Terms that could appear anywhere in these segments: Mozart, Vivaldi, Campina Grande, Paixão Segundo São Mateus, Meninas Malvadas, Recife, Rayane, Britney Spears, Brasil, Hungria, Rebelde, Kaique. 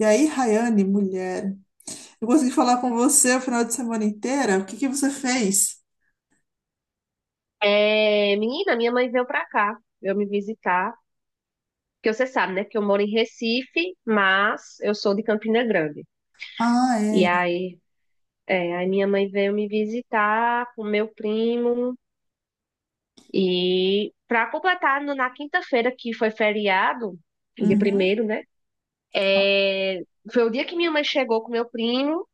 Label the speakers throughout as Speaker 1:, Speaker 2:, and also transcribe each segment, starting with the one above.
Speaker 1: E aí, Rayane, mulher, eu consegui falar com você o final de semana inteira. O que que você fez?
Speaker 2: É, menina, minha mãe veio pra cá, veio me visitar, porque você sabe, né, que eu moro em Recife, mas eu sou de Campina Grande.
Speaker 1: Ah,
Speaker 2: E
Speaker 1: é.
Speaker 2: aí, aí minha mãe veio me visitar com meu primo e pra completar na quinta-feira que foi feriado, dia
Speaker 1: Uhum.
Speaker 2: primeiro, né? é, Foi o dia que minha mãe chegou com meu primo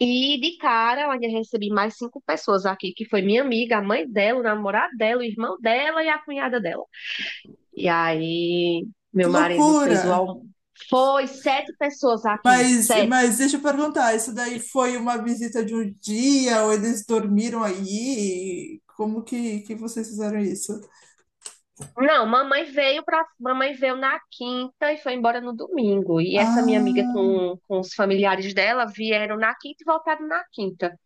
Speaker 2: e de cara eu ainda recebi mais cinco pessoas aqui, que foi minha amiga, a mãe dela, o namorado dela, o irmão dela e a cunhada dela. E aí,
Speaker 1: Que
Speaker 2: meu marido
Speaker 1: loucura!
Speaker 2: fez o almoço. Foi sete pessoas aqui,
Speaker 1: Mas,
Speaker 2: sete.
Speaker 1: mas deixa eu perguntar, isso daí foi uma visita de um dia ou eles dormiram aí? Como que vocês fizeram isso?
Speaker 2: Não, mamãe veio na quinta e foi embora no domingo. E essa minha amiga
Speaker 1: Ah,
Speaker 2: com os familiares dela vieram na quinta e voltaram na quinta.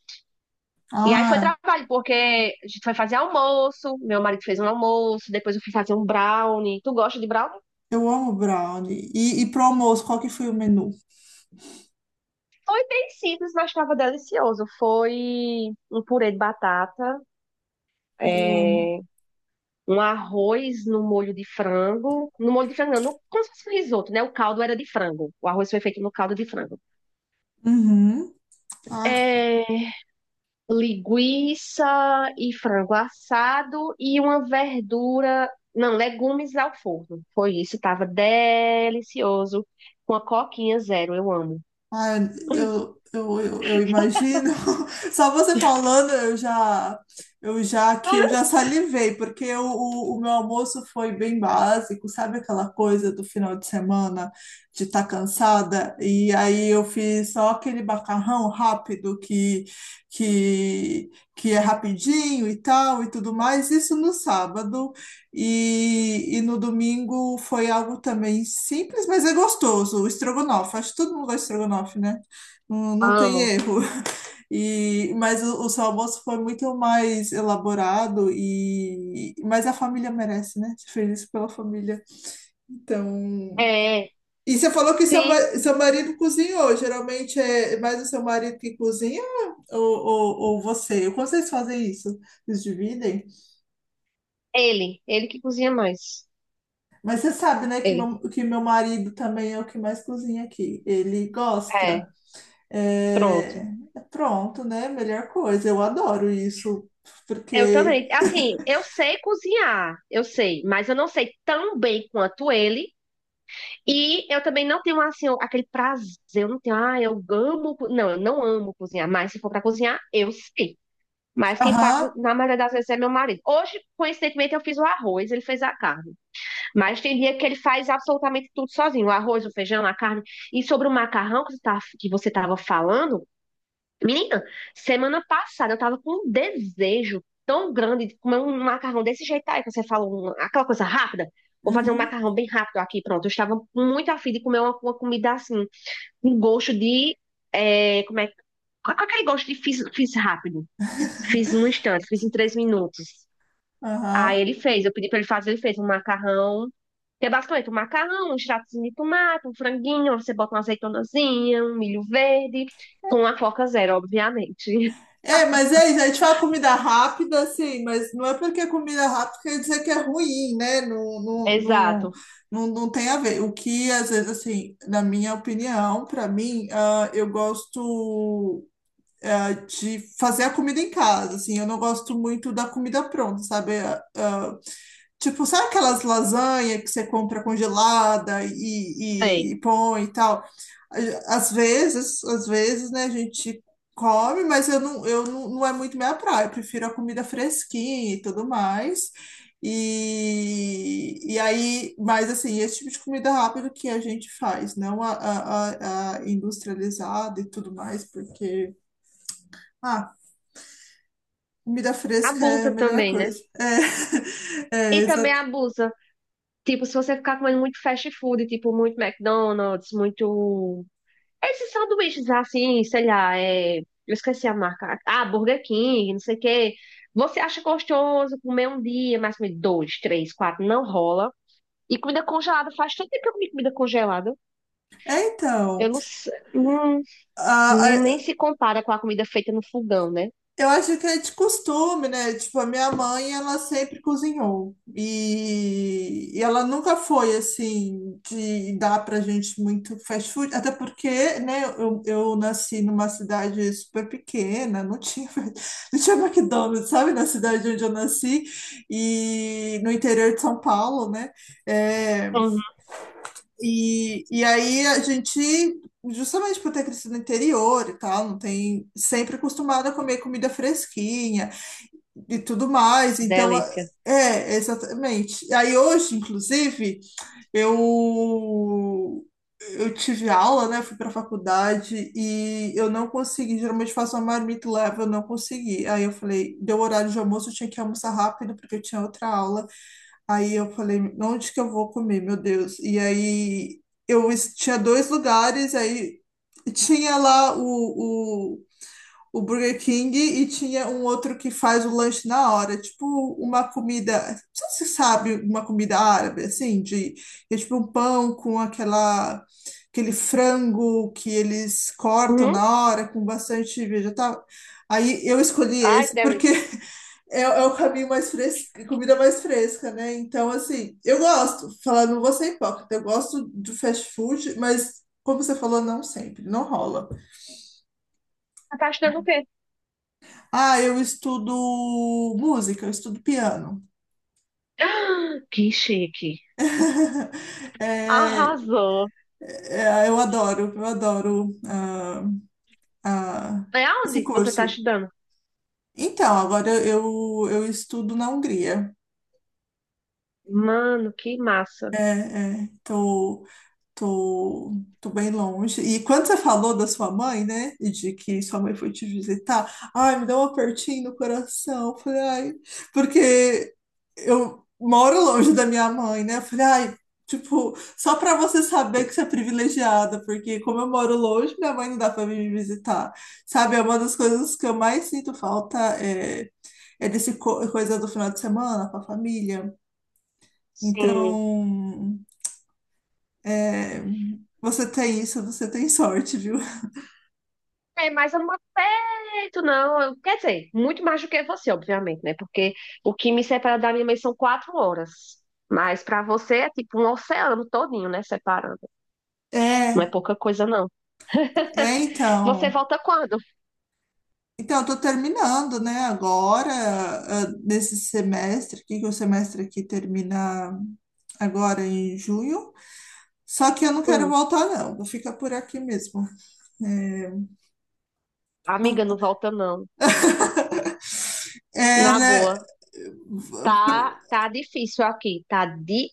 Speaker 2: E aí foi
Speaker 1: ah,
Speaker 2: trabalho, porque a gente foi fazer almoço, meu marido fez um almoço, depois eu fui fazer um brownie. Tu gosta de brownie?
Speaker 1: eu amo brownie. E pro almoço, qual que foi o menu?
Speaker 2: Foi bem simples, mas estava delicioso. Foi um purê de batata,
Speaker 1: Ah, eu amo.
Speaker 2: é, um arroz no molho de frango. No molho de frango, não, como se fosse um risoto, né? O caldo era de frango. O arroz foi feito no caldo de frango.
Speaker 1: Uhum.
Speaker 2: É, Linguiça e frango assado e uma verdura. Não, legumes ao forno. Foi isso, tava delicioso. Com a coquinha zero, eu amo.
Speaker 1: Ai,
Speaker 2: Hum,
Speaker 1: eu imagino. Só você falando, eu já salivei, porque o meu almoço foi bem básico, sabe aquela coisa do final de semana de estar cansada? E aí eu fiz só aquele macarrão rápido que é rapidinho e tal e tudo mais, isso no sábado. E no domingo foi algo também simples, mas é gostoso, o estrogonofe. Acho que todo mundo gosta de estrogonofe, né? Não, não tem
Speaker 2: Amo.
Speaker 1: erro. E, mas o seu almoço foi muito mais elaborado e mas a família merece, né? Você fez isso pela família. Então,
Speaker 2: É,
Speaker 1: e você falou que seu,
Speaker 2: sim,
Speaker 1: ma- seu marido cozinhou. Geralmente é mais o seu marido que cozinha ou você? Como vocês fazem isso? Vocês dividem?
Speaker 2: ele. Ele que cozinha mais.
Speaker 1: Mas você sabe, né, que
Speaker 2: Ele.
Speaker 1: meu, que meu marido também é o que mais cozinha aqui. Ele
Speaker 2: É,
Speaker 1: gosta. É,
Speaker 2: pronto.
Speaker 1: pronto, né? Melhor coisa. Eu adoro isso,
Speaker 2: Eu
Speaker 1: porque.
Speaker 2: também. Assim, eu sei cozinhar, eu sei, mas eu não sei tão bem quanto ele. E eu também não tenho, assim, aquele prazer. Eu não tenho, eu amo. Não, eu não amo cozinhar, mas se for pra cozinhar, eu sei. Mas quem faz,
Speaker 1: Aham,
Speaker 2: na maioria das vezes, é meu marido. Hoje, coincidentemente, eu fiz o arroz, ele fez a carne. Mas tem dia que ele faz absolutamente tudo sozinho: o arroz, o feijão, a carne. E sobre o macarrão que que você estava falando. Menina, semana passada eu tava com um desejo tão grande de comer um macarrão desse jeito aí que você fala aquela coisa rápida. Vou fazer um
Speaker 1: uhum,
Speaker 2: macarrão bem rápido aqui, pronto. Eu estava muito afim de comer uma comida assim, com gosto de. Como é? Com aquele gosto de fiz, fiz rápido. Fiz num instante, fiz em 3 minutos.
Speaker 1: aham.
Speaker 2: Aí ele fez, eu pedi pra ele fazer, ele fez um macarrão. Que é basicamente um macarrão, um extratozinho de tomate, um franguinho, você bota uma azeitonazinha, um milho verde, com a Coca Zero, obviamente.
Speaker 1: É, mas é isso. A gente fala comida rápida, assim, mas não é porque é comida rápida quer dizer que é ruim, né? Não, não, não,
Speaker 2: Exato.
Speaker 1: não, não tem a ver. O que, às vezes, assim, na minha opinião, para mim, eu gosto, de fazer a comida em casa, assim, eu não gosto muito da comida pronta, sabe? Tipo, sabe aquelas lasanhas que você compra congelada e, e,
Speaker 2: É.
Speaker 1: e põe e tal? Ah, às vezes, né, a gente come, mas eu não, não é muito minha praia, eu prefiro a comida fresquinha e tudo mais. E aí, mas assim, esse tipo de comida rápida que a gente faz, não a industrializada e tudo mais, porque, ah, comida fresca é a
Speaker 2: Abusa
Speaker 1: melhor
Speaker 2: também, né?
Speaker 1: coisa. É,
Speaker 2: E
Speaker 1: é,
Speaker 2: também
Speaker 1: exato.
Speaker 2: abusa. Tipo, se você ficar comendo muito fast food, tipo, muito McDonald's, muito. Esses sanduíches assim, sei lá, eu esqueci a marca. Ah, Burger King, não sei o quê. Você acha gostoso comer um dia, mas comer dois, três, quatro, não rola. E comida congelada, faz tanto tempo que eu comi comida congelada.
Speaker 1: É,
Speaker 2: Eu
Speaker 1: então,
Speaker 2: não sei. hum,
Speaker 1: a- a-
Speaker 2: nem se compara com a comida feita no fogão, né?
Speaker 1: eu acho que é de costume, né? Tipo, a minha mãe, ela sempre cozinhou. E ela nunca foi, assim, de dar pra gente muito fast food. Até porque, né, eu nasci numa cidade super pequena, não tinha, não tinha McDonald's, sabe? Na cidade onde eu nasci. E no interior de São Paulo, né? É,
Speaker 2: Uhum.
Speaker 1: E aí a gente, justamente por ter crescido no interior e tal, não tem sempre acostumado a comer comida fresquinha e tudo mais. Então,
Speaker 2: Delícia.
Speaker 1: é, exatamente. Aí hoje, inclusive, eu eu tive aula, né? Fui para faculdade e eu não consegui. Geralmente faço uma marmita e levo, eu não consegui. Aí eu falei, deu horário de almoço, eu tinha que almoçar rápido porque eu tinha outra aula. Aí eu falei, onde que eu vou comer, meu Deus? E aí eu tinha dois lugares, aí tinha lá o, o Burger King e tinha um outro que faz o lanche na hora, tipo uma comida, não sei se você sabe, uma comida árabe, assim, de, é tipo um pão com aquela, aquele frango que eles cortam
Speaker 2: Uhum.
Speaker 1: na hora, com bastante vegetal. Aí eu escolhi
Speaker 2: Ai, que
Speaker 1: esse porque
Speaker 2: delícia.
Speaker 1: É o caminho mais fresco, comida mais fresca, né? Então, assim, eu gosto, falando, não vou ser hipócrita, eu gosto de fast food, mas, como você falou, não sempre, não rola.
Speaker 2: Você tá achando o quê?
Speaker 1: Ah, eu estudo música, eu estudo piano.
Speaker 2: Ah, que chique.
Speaker 1: É,
Speaker 2: Arrasou.
Speaker 1: é, eu adoro ah,
Speaker 2: É
Speaker 1: esse
Speaker 2: aonde você tá
Speaker 1: curso.
Speaker 2: estudando?
Speaker 1: Então, agora eu estudo na Hungria.
Speaker 2: Mano, que massa.
Speaker 1: Estou Tô, tô bem longe. E quando você falou da sua mãe, né? E de que sua mãe foi te visitar, ai, me deu um apertinho no coração. Falei, ai, porque eu moro longe da minha mãe, né? Falei, ai, tipo, só pra você saber que você é privilegiada, porque como eu moro longe, minha mãe não dá pra vir me visitar. Sabe, é uma das coisas que eu mais sinto falta é coisa do final de semana com a família.
Speaker 2: Sim.
Speaker 1: Então. É, você tem isso, você tem sorte, viu?
Speaker 2: É, mas eu não moro perto, não. Quer dizer, muito mais do que você, obviamente, né? Porque o que me separa da minha mãe são 4 horas. Mas pra você é tipo um oceano todinho, né? Separando. Não é
Speaker 1: É,
Speaker 2: pouca coisa, não.
Speaker 1: é,
Speaker 2: Você
Speaker 1: então.
Speaker 2: volta quando?
Speaker 1: Então, eu tô terminando, né, agora, nesse semestre aqui, que o semestre aqui termina agora em junho. Só que eu não quero
Speaker 2: Hum,
Speaker 1: voltar, não. Vou ficar por aqui mesmo. É, não-
Speaker 2: amiga, não volta, não. Na
Speaker 1: Ela.
Speaker 2: boa. Tá difícil aqui, tá de.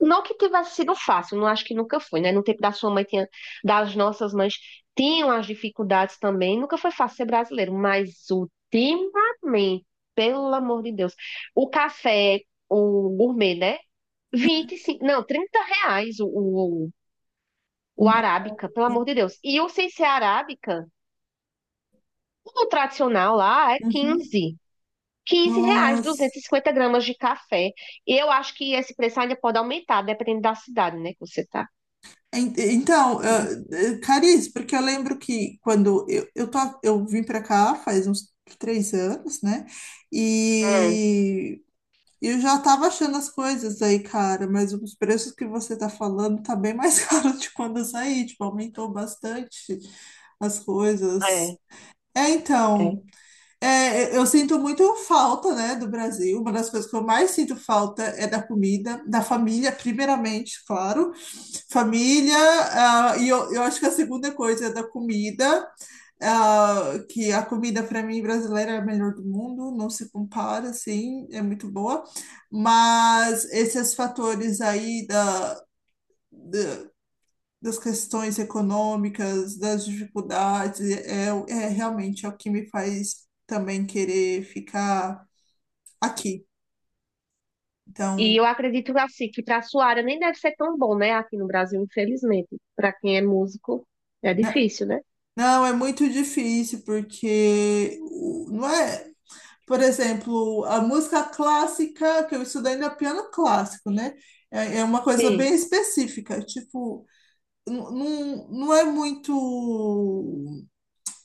Speaker 2: Não que tivesse sido fácil, não acho que nunca foi, né? No tempo da sua mãe tinha, das nossas mães tinham as dificuldades também, nunca foi fácil ser brasileiro, mas ultimamente, pelo amor de Deus, o café, o gourmet, né? 25 não, R$ 30 o arábica, pelo amor de Deus. E o sem ser arábica, o tradicional lá é
Speaker 1: Uhum.
Speaker 2: 15 R$ 15,
Speaker 1: Nossa.
Speaker 2: 250 gramas de café. E eu acho que esse preço ainda pode aumentar, dependendo da cidade, né, que você tá.
Speaker 1: Então, Cariz, porque eu lembro que quando eu vim para cá faz uns 3 anos, né?
Speaker 2: Hum,
Speaker 1: E eu já tava achando as coisas aí, cara, mas os preços que você tá falando tá bem mais caro de quando eu saí, tipo, aumentou bastante as coisas.
Speaker 2: é,
Speaker 1: É, então,
Speaker 2: é.
Speaker 1: eu sinto muito falta, né, do Brasil. Uma das coisas que eu mais sinto falta é da comida, da família, primeiramente, claro família, e eu acho que a segunda coisa é da comida, que a comida para mim brasileira é a melhor do mundo, não se compara, assim, é muito boa, mas esses fatores aí da, da- das questões econômicas, das dificuldades, é realmente é o que me faz também querer ficar aqui.
Speaker 2: E
Speaker 1: Então,
Speaker 2: eu acredito assim, que para sua área nem deve ser tão bom, né, aqui no Brasil, infelizmente. Para quem é músico, é difícil, né?
Speaker 1: não, é muito difícil, porque não é. Por exemplo, a música clássica, que eu estudei ainda é piano clássico, né? É uma coisa
Speaker 2: Sim.
Speaker 1: bem específica, tipo, não, não não é muito,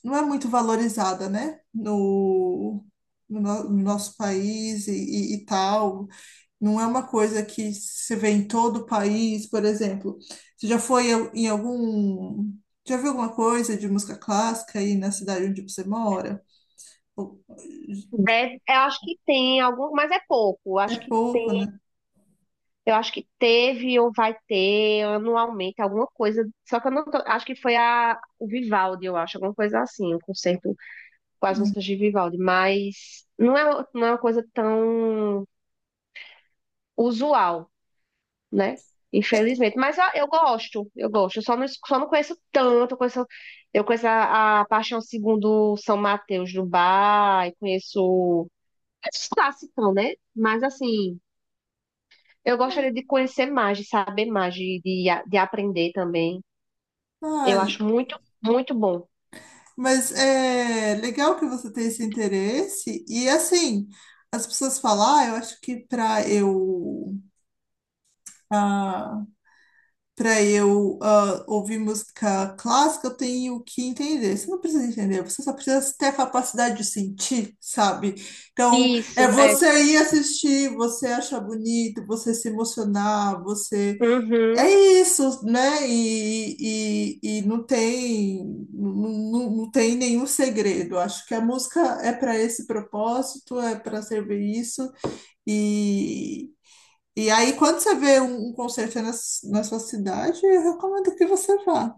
Speaker 1: não é muito valorizada, né? No, no nosso país e, e tal. Não é uma coisa que se vê em todo o país, por exemplo. Você já foi em algum, já viu alguma coisa de música clássica aí na cidade onde você mora? Ou-
Speaker 2: Deve, eu acho que tem algum, mas é pouco.
Speaker 1: É pouco, né?
Speaker 2: Eu acho que teve ou vai ter anualmente alguma coisa. Só que eu não tô, acho que foi o Vivaldi, eu acho, alguma coisa assim, um concerto com as músicas de Vivaldi, mas não é, não é uma coisa tão usual, né? Infelizmente. Mas eu gosto, eu gosto. Eu só não, só não conheço tanto. Eu conheço a Paixão Segundo São Mateus do Bar, e conheço esses clássicos, né? Mas assim, eu gostaria de conhecer mais, de saber mais, de aprender também. Eu
Speaker 1: Ah,
Speaker 2: acho muito, muito bom.
Speaker 1: mas é legal que você tem esse interesse. E assim, as pessoas falam, ah, eu acho que ah, para eu ouvir música clássica, eu tenho que entender. Você não precisa entender, você só precisa ter a capacidade de sentir, sabe? Então, é
Speaker 2: Isso, é.
Speaker 1: você ir assistir, você achar bonito, você se emocionar, você É
Speaker 2: Uhum.
Speaker 1: isso, né? E não tem, não, não não tem nenhum segredo. Acho que a música é para esse propósito, é para servir isso. E, e aí, quando você vê um concerto na sua cidade, eu recomendo que você vá.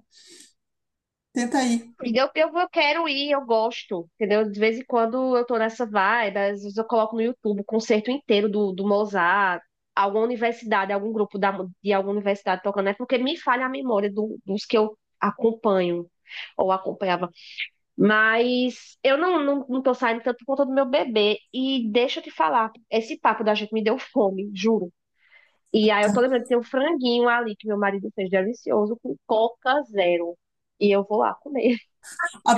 Speaker 1: Tenta ir.
Speaker 2: Eu quero ir, eu gosto, entendeu? De vez em quando eu tô nessa vibe, às vezes eu coloco no YouTube o concerto inteiro do Mozart, alguma universidade, algum grupo de alguma universidade tocando, é porque me falha a memória dos que eu acompanho ou acompanhava. Mas eu não tô saindo tanto por conta do meu bebê. E deixa eu te falar, esse papo da gente me deu fome, juro. E aí eu tô
Speaker 1: Tá.
Speaker 2: lembrando que tem um franguinho ali que meu marido fez delicioso com Coca Zero. E eu vou lá comer.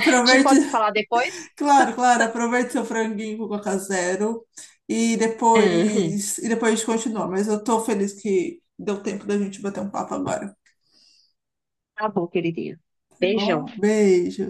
Speaker 2: A gente pode se falar depois?
Speaker 1: claro, claro, aproveite seu franguinho com Coca Zero e
Speaker 2: Uhum.
Speaker 1: depois, e depois a gente continua. Mas eu tô feliz que deu tempo da gente bater um papo agora. Tá
Speaker 2: Tá bom, queridinha. Beijão.
Speaker 1: bom, beijo.